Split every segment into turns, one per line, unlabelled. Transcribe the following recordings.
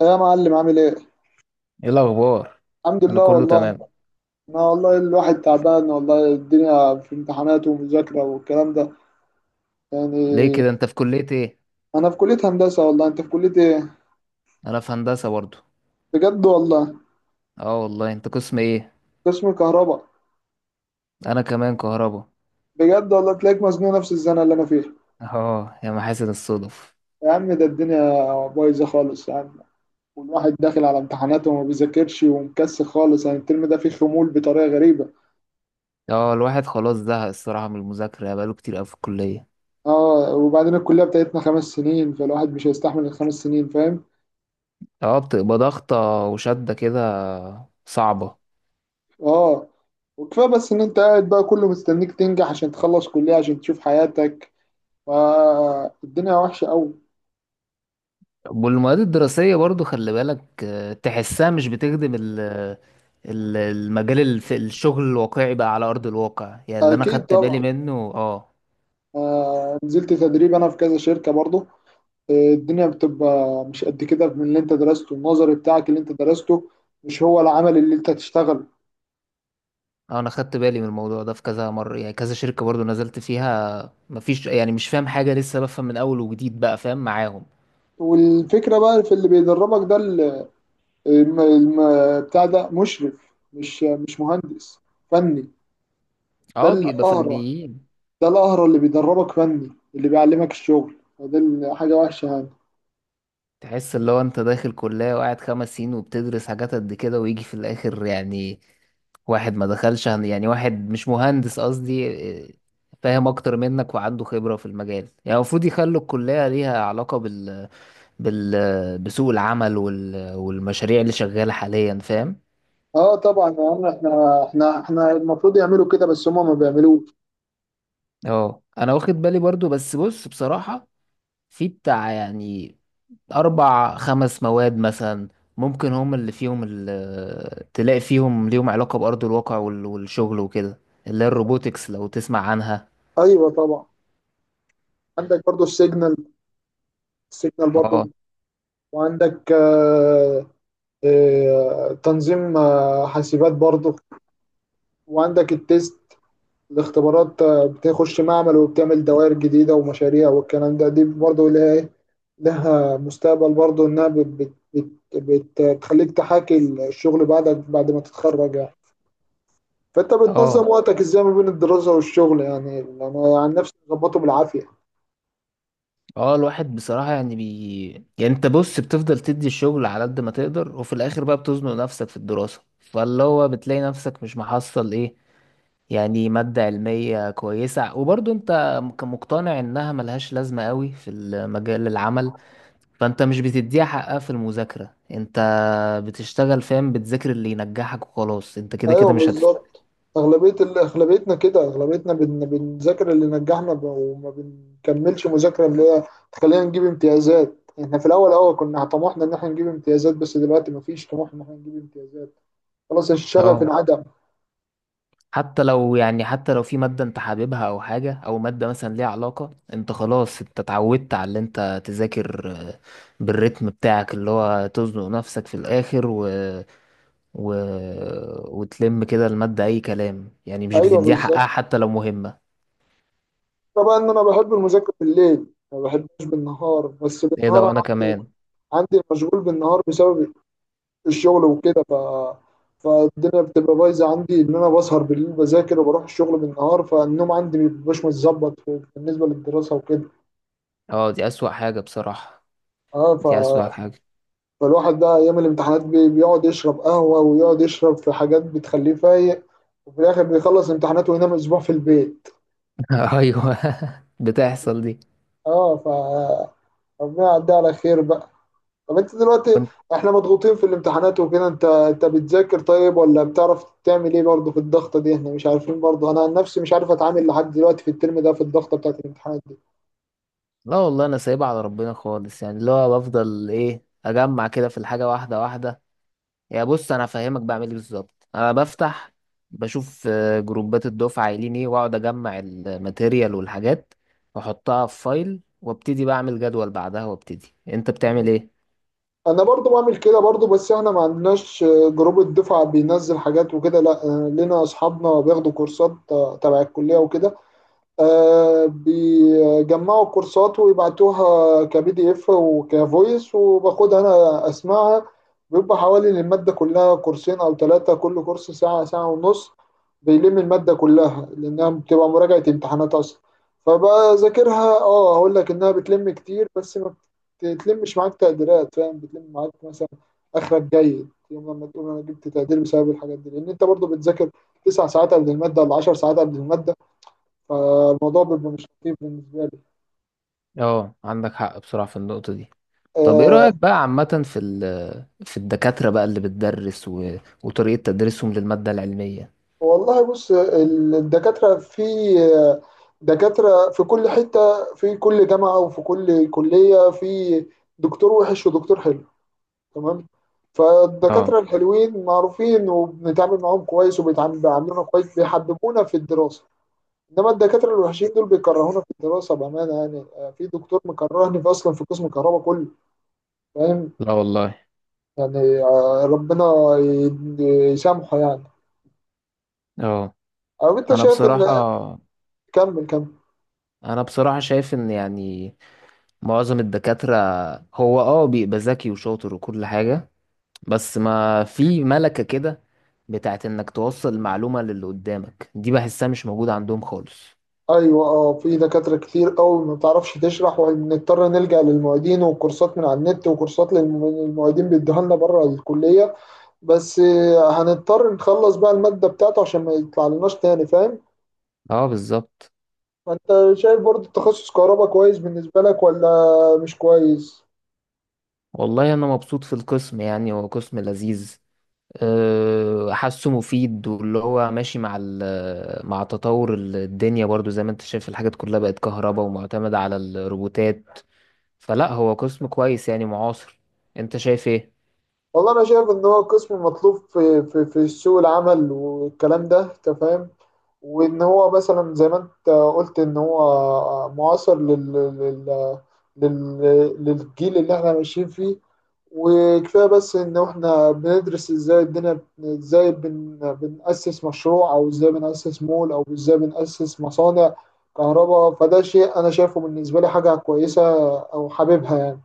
ايه يا معلم عامل ايه؟
ايه الاخبار؟
الحمد
انا
لله
كله
والله.
تمام.
انا والله الواحد تعبان والله، الدنيا في امتحانات ومذاكرة والكلام ده يعني.
ليه كده؟ انت في كلية ايه؟
انا في كلية هندسة والله. انت في كلية ايه؟
انا في هندسة برضو.
بجد والله.
اه والله، انت قسم ايه؟
قسم كهرباء.
انا كمان كهربا.
بجد والله، تلاقيك مزنوق نفس الزنقة اللي انا فيها.
اه يا محاسن الصدف.
يا عم ده الدنيا بايظة خالص يا عم. والواحد داخل على امتحاناته وما بيذاكرش ومكسل خالص، يعني الترم ده فيه خمول بطريقة غريبة.
اه الواحد خلاص زهق الصراحة من المذاكرة، يعني بقاله كتير قوي في الكلية.
اه، وبعدين الكلية بتاعتنا 5 سنين فالواحد مش هيستحمل ال5 سنين، فاهم؟
اه بتبقى ضغطة وشدة كده، صعبة.
اه، وكفايه بس ان انت قاعد بقى كله مستنيك تنجح عشان تخلص كليه عشان تشوف حياتك، فالدنيا وحشه قوي.
والمواد الدراسية برضو خلي بالك، تحسها مش بتخدم المجال، الشغل الواقعي بقى على أرض الواقع، يعني اللي أنا
اكيد
خدت بالي
طبعا.
منه. اه،
آه، نزلت تدريب انا في كذا شركه برضو. آه، الدنيا بتبقى مش قد كده، من اللي انت درسته النظري بتاعك اللي انت درسته مش هو العمل اللي انت هتشتغله.
انا خدت بالي من الموضوع ده في كذا مره، يعني كذا شركه برضو نزلت فيها، مفيش يعني مش فاهم حاجه، لسه بفهم من اول وجديد بقى فاهم معاهم.
والفكره بقى في اللي بيدربك ده، بتاع ده مشرف مش مهندس، فني. ده
اه بيبقى
القهرة،
فنيين.
ده القهر اللي بيدربك فني، اللي بيعلمك الشغل، فدي حاجة وحشة يعني.
تحس اللي هو انت داخل كليه وقاعد 5 سنين وبتدرس حاجات قد كده ويجي في الاخر، يعني واحد ما دخلش يعني واحد مش مهندس قصدي إيه، فاهم اكتر منك وعنده خبرة في المجال، يعني المفروض يخلوا الكلية ليها علاقة بال... بسوق العمل والمشاريع اللي شغالة حاليا. فاهم؟
اه طبعا يا عم، احنا المفروض يعملوا كده بس هما ما بيعملوش.
اه انا واخد بالي برضو، بس بص بصراحة في بتاع يعني اربع خمس مواد مثلا، ممكن هم اللي فيهم، اللي تلاقي فيهم ليهم علاقة بأرض الواقع والشغل وكده، اللي هي الروبوتكس لو تسمع عنها.
ايوه طبعا. عندك برضو السيجنال. السيجنال برضو.
اه.
وعندك تنظيم حاسبات برضو. وعندك التيست الاختبارات، بتخش معمل وبتعمل دوائر جديدة ومشاريع والكلام ده. دي برضو اللي هي إيه، لها مستقبل برضه، انها بت بت بت بت بتخليك تحاكي الشغل بعدك بعد ما تتخرج يعني. فانت
اه
بتنظم وقتك ازاي ما بين الدراسة والشغل؟ يعني انا عن نفسي بظبطه بالعافية.
اه الواحد بصراحة يعني يعني انت بص، بتفضل تدي الشغل على قد ما تقدر، وفي الاخر بقى بتزنق نفسك في الدراسة، فاللي هو بتلاقي نفسك مش محصل ايه، يعني مادة علمية كويسة، وبرضه انت مقتنع انها ملهاش لازمة قوي في مجال العمل، فانت مش بتديها حقها في المذاكرة، انت بتشتغل. فاهم؟ بتذاكر اللي ينجحك وخلاص، انت كده
ايوه
كده مش هتفهم.
بالظبط. اغلبية ال- اغلبيتنا كده اغلبيتنا بنذاكر اللي نجحنا وما بنكملش مذاكرة اللي هي تخلينا نجيب امتيازات. احنا في الاول كنا طموحنا ان احنا نجيب امتيازات، بس دلوقتي مفيش طموح ان احنا نجيب امتيازات. خلاص الشغف
اه
انعدم.
حتى لو يعني حتى لو في مادة انت حاببها او حاجة، او مادة مثلا ليها علاقة، انت خلاص انت اتعودت على اللي انت تذاكر، بالريتم بتاعك اللي هو تزنق نفسك في الاخر، و... وتلم كده المادة أي كلام، يعني مش
ايوه
بتديها
بالظبط.
حقها حتى لو مهمة.
طبعا انا بحب المذاكره بالليل، ما بحبش بالنهار، بس
ايه ده!
بالنهار
وأنا
انا عندي
كمان.
عندي مشغول بالنهار بسبب الشغل وكده، فالدنيا بتبقى بايظه عندي، ان انا بسهر بالليل بذاكر وبروح الشغل بالنهار، فالنوم عندي ما بيبقاش متظبط بالنسبه للدراسه وكده.
اه دي أسوأ حاجة بصراحة.
اه ف...
دي أسوأ حاجة.
فالواحد ده ايام الامتحانات بيقعد يشرب قهوه ويقعد يشرب في حاجات بتخليه فايق، وفي الاخر بيخلص امتحاناته وينام اسبوع في البيت.
أيوه بتحصل دي.
اه ف ربنا يعدي على خير بقى. طب انت دلوقتي
كنت.
احنا مضغوطين في الامتحانات وكده. انت بتذاكر طيب ولا بتعرف تعمل ايه برضه في الضغطه دي؟ احنا مش عارفين برضه، انا عن نفسي مش عارف اتعامل لحد دلوقتي في الترم ده في الضغطه بتاعت الامتحانات دي.
لا والله، أنا سايبها على ربنا خالص، يعني اللي هو بفضل إيه أجمع كده في الحاجة واحدة واحدة. يا بص أنا هفهمك بعمل إيه بالظبط. أنا بفتح بشوف، جروبات الدفعة قايلين إيه، وأقعد أجمع الماتيريال والحاجات وأحطها في فايل، وابتدي بعمل جدول بعدها وابتدي. أنت بتعمل إيه؟
انا برضه بعمل كده برضه، بس احنا ما عندناش جروب الدفعه بينزل حاجات وكده، لا. اه، لنا اصحابنا بياخدوا كورسات تبع الكليه وكده. بيجمعوا الكورسات ويبعتوها كبي دي اف وكفويس وباخدها انا اسمعها. بيبقى حوالي للمادة كلها كورسين او 3، كل كورس ساعة ساعة ونص. بيلم المادة كلها لانها بتبقى مراجعة امتحانات اصلا. فبذاكرها. اه هقول لك انها بتلم كتير بس ما بتلمش معاك تقديرات، فاهم؟ بتلم معاك مثلا اخرك جيد، يوم لما تقول انا جبت تقدير بسبب الحاجات دي، لان انت برضو بتذاكر 9 ساعات قبل المادة ولا 10 ساعات قبل المادة. فالموضوع بيبقى مش لطيف بالنسبة لي.
اه عندك حق بصراحة في النقطة دي. طب ايه
آه.
رأيك بقى عامة في في الدكاترة بقى اللي بتدرس وطريقة تدريسهم للمادة العلمية؟
والله بص، ال- الدكاترة في آه، دكاترة في كل حتة، في كل جامعة وفي كل كلية. في دكتور وحش ودكتور حلو، تمام؟
اه.
فالدكاترة الحلوين معروفين وبنتعامل معاهم كويس وبيتعاملونا كويس، بيحببونا في الدراسة. إنما الدكاترة الوحشين دول بيكرهونا في الدراسة بأمانة. يعني في دكتور مكرهني في أصلا في قسم الكهرباء كله، فاهم؟
لا والله.
يعني ربنا ي- يسامحه يعني.
اه
او انت
انا
شايف
بصراحة،
ان. كمل كمل.
شايف ان يعني معظم الدكاترة هو بيبقى ذكي وشاطر وكل حاجة، بس ما في ملكة كده بتاعت انك توصل المعلومة للي قدامك، دي بحسها مش موجودة عندهم خالص.
ايوه. اه، في دكاتره كتير قوي ما بتعرفش تشرح، وبنضطر نلجأ للمعيدين وكورسات من على النت وكورسات المعيدين بيدوها لنا بره الكليه. بس هنضطر نخلص بقى الماده بتاعته عشان ما يطلع لناش تاني، فاهم؟
اه بالظبط.
فانت شايف برضه تخصص كهرباء كويس بالنسبه لك ولا مش كويس؟
والله انا مبسوط في القسم، يعني هو قسم لذيذ، حاسه مفيد، واللي هو ماشي مع مع تطور الدنيا برضو. زي ما انت شايف الحاجات كلها بقت كهرباء ومعتمدة على الروبوتات، فلا هو قسم كويس يعني معاصر. انت شايف ايه؟
والله انا شايف ان هو قسم مطلوب في سوق العمل والكلام ده، انت فاهم. وان هو مثلا زي ما انت قلت ان هو معاصر لل لل لل للجيل اللي احنا ماشيين فيه. وكفايه بس ان احنا بندرس ازاي الدنيا، ازاي بنأسس مشروع او ازاي بنأسس مول او ازاي بنأسس مصانع كهرباء، فده شيء انا شايفه بالنسبه لي حاجه كويسه او حاببها يعني.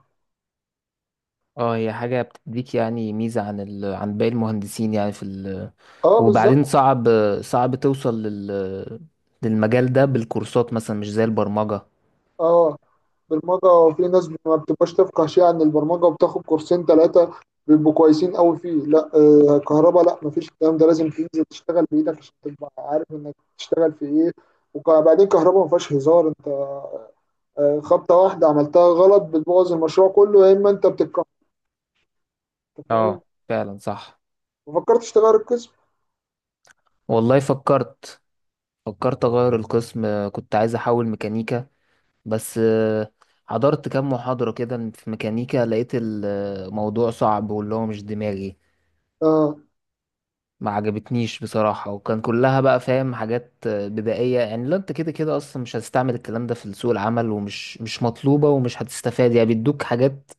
اه هي حاجة بتديك يعني ميزة عن عن باقي المهندسين يعني في ال...
اه
وبعدين
بالظبط.
صعب، توصل للمجال ده بالكورسات مثلا، مش زي البرمجة.
اه، برمجة في ناس ما بتبقاش تفقه شيء عن البرمجة وبتاخد كورسين 3 بيبقوا كويسين قوي فيه. لا، آه كهرباء لا، مفيش الكلام ده. لازم تنزل تشتغل بإيدك عشان تبقى عارف إنك تشتغل في إيه. وبعدين كهرباء ما فيهاش هزار أنت، آه، خبطة واحدة عملتها غلط بتبوظ المشروع كله يا إما أنت بتتكهرب، فاهم؟
اه فعلا صح.
ما فكرتش تغير القسم؟
والله فكرت. اغير القسم، كنت عايز احول ميكانيكا، بس حضرت كام محاضرة كده في ميكانيكا، لقيت الموضوع صعب واللي هو مش دماغي.
آه
ما عجبتنيش بصراحة، وكان كلها بقى فاهم حاجات بدائية، يعني لو انت كده كده اصلا مش هتستعمل الكلام ده في سوق العمل، ومش مش مطلوبة ومش هتستفاد، يعني بيدوك حاجات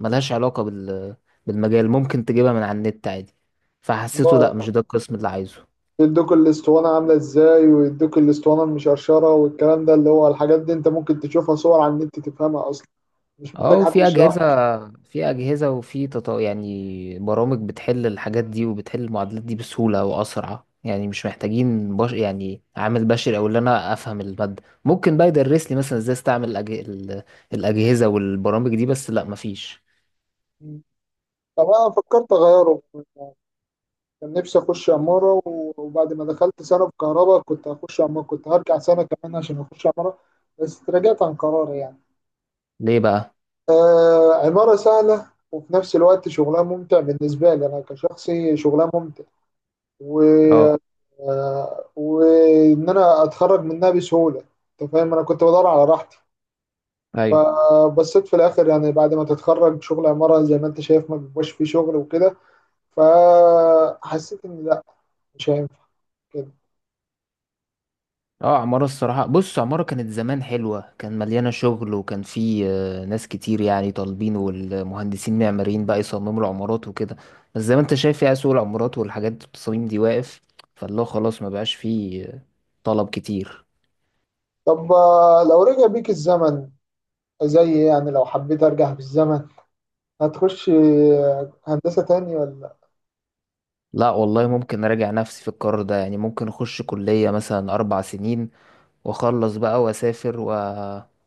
ملهاش علاقة بال بالمجال، ممكن تجيبها من على النت عادي. فحسيته لا،
والله،
مش ده القسم اللي عايزه.
يدوك الاسطوانة عاملة ازاي ويدوك الاسطوانة المشرشرة والكلام ده، اللي هو الحاجات دي انت ممكن تشوفها صور على النت تفهمها اصلا، مش
اه
محتاج حد
وفي اجهزه،
يشرح.
في اجهزه وفي يعني برامج بتحل الحاجات دي وبتحل المعادلات دي بسهوله واسرع، يعني مش محتاجين يعني عامل بشري، او اللي انا افهم الماده ممكن بقى يدرس لي مثلا ازاي استعمل الاجهزه والبرامج دي. بس لا مفيش.
طب انا فكرت اغيره. كان نفسي اخش عمارة. وبعد ما دخلت سنة في كهرباء كنت هخش عمارة، كنت هرجع سنة كمان عشان اخش عمارة، بس تراجعت عن قراري يعني.
ليه بقى؟
آه، عمارة سهلة وفي نفس الوقت شغلها ممتع، بالنسبة لي انا كشخصي شغلها ممتع و
اه.
آه وان انا اتخرج منها بسهولة. انت فاهم انا كنت بدور على راحتي.
ايوه.
فبصيت في الاخر يعني بعد ما تتخرج شغل عمارة زي ما انت شايف ما بيبقاش فيه شغل وكده. فحسيت ان لا، مش هينفع كده.
اه عمارة الصراحة، بص عمارة كانت زمان حلوة، كان مليانة شغل وكان في ناس كتير يعني طالبين، والمهندسين معماريين بقى يصمموا العمارات وكده. بس زي ما انت شايف، يعني سوق العمارات والحاجات التصاميم دي واقف، فالله خلاص ما بقاش فيه طلب كتير.
طب لو رجع بيك الزمن، زي يعني لو حبيت ارجع بالزمن، هتخش هندسة تاني ولا؟
لا والله ممكن اراجع نفسي في القرار ده، يعني ممكن اخش كلية مثلا 4 سنين، واخلص بقى واسافر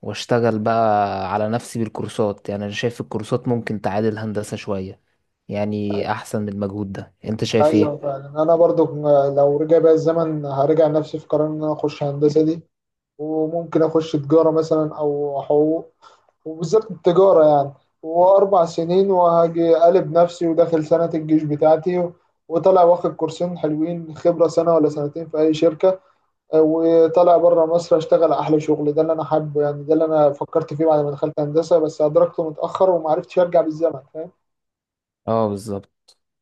واشتغل بقى على نفسي بالكورسات. يعني انا شايف الكورسات ممكن تعادل هندسة شوية، يعني احسن من المجهود ده. انت شايف
ايوه
ايه؟
فعلا انا برضو، لو رجع بيا الزمن، هرجع نفسي في قرار ان انا اخش هندسة دي. وممكن اخش تجارة مثلا او حقوق، وبالذات التجارة يعني، واربع سنين وهاجي قلب نفسي وداخل سنة الجيش بتاعتي، وطلع واخد كورسين حلوين خبرة سنة ولا سنتين في اي شركة، وطلع بره مصر اشتغل احلى شغل، ده اللي انا حابه يعني، ده اللي انا فكرت فيه بعد ما دخلت هندسه بس ادركته متاخر وما عرفتش ارجع بالزمن، فاهم؟
اه بالظبط.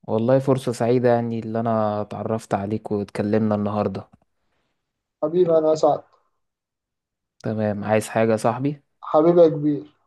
والله فرصة سعيدة يعني اللي انا اتعرفت عليك واتكلمنا النهاردة.
حبيبي انا اسعد.
تمام، عايز حاجة يا صاحبي؟
حبيبي يا كبير.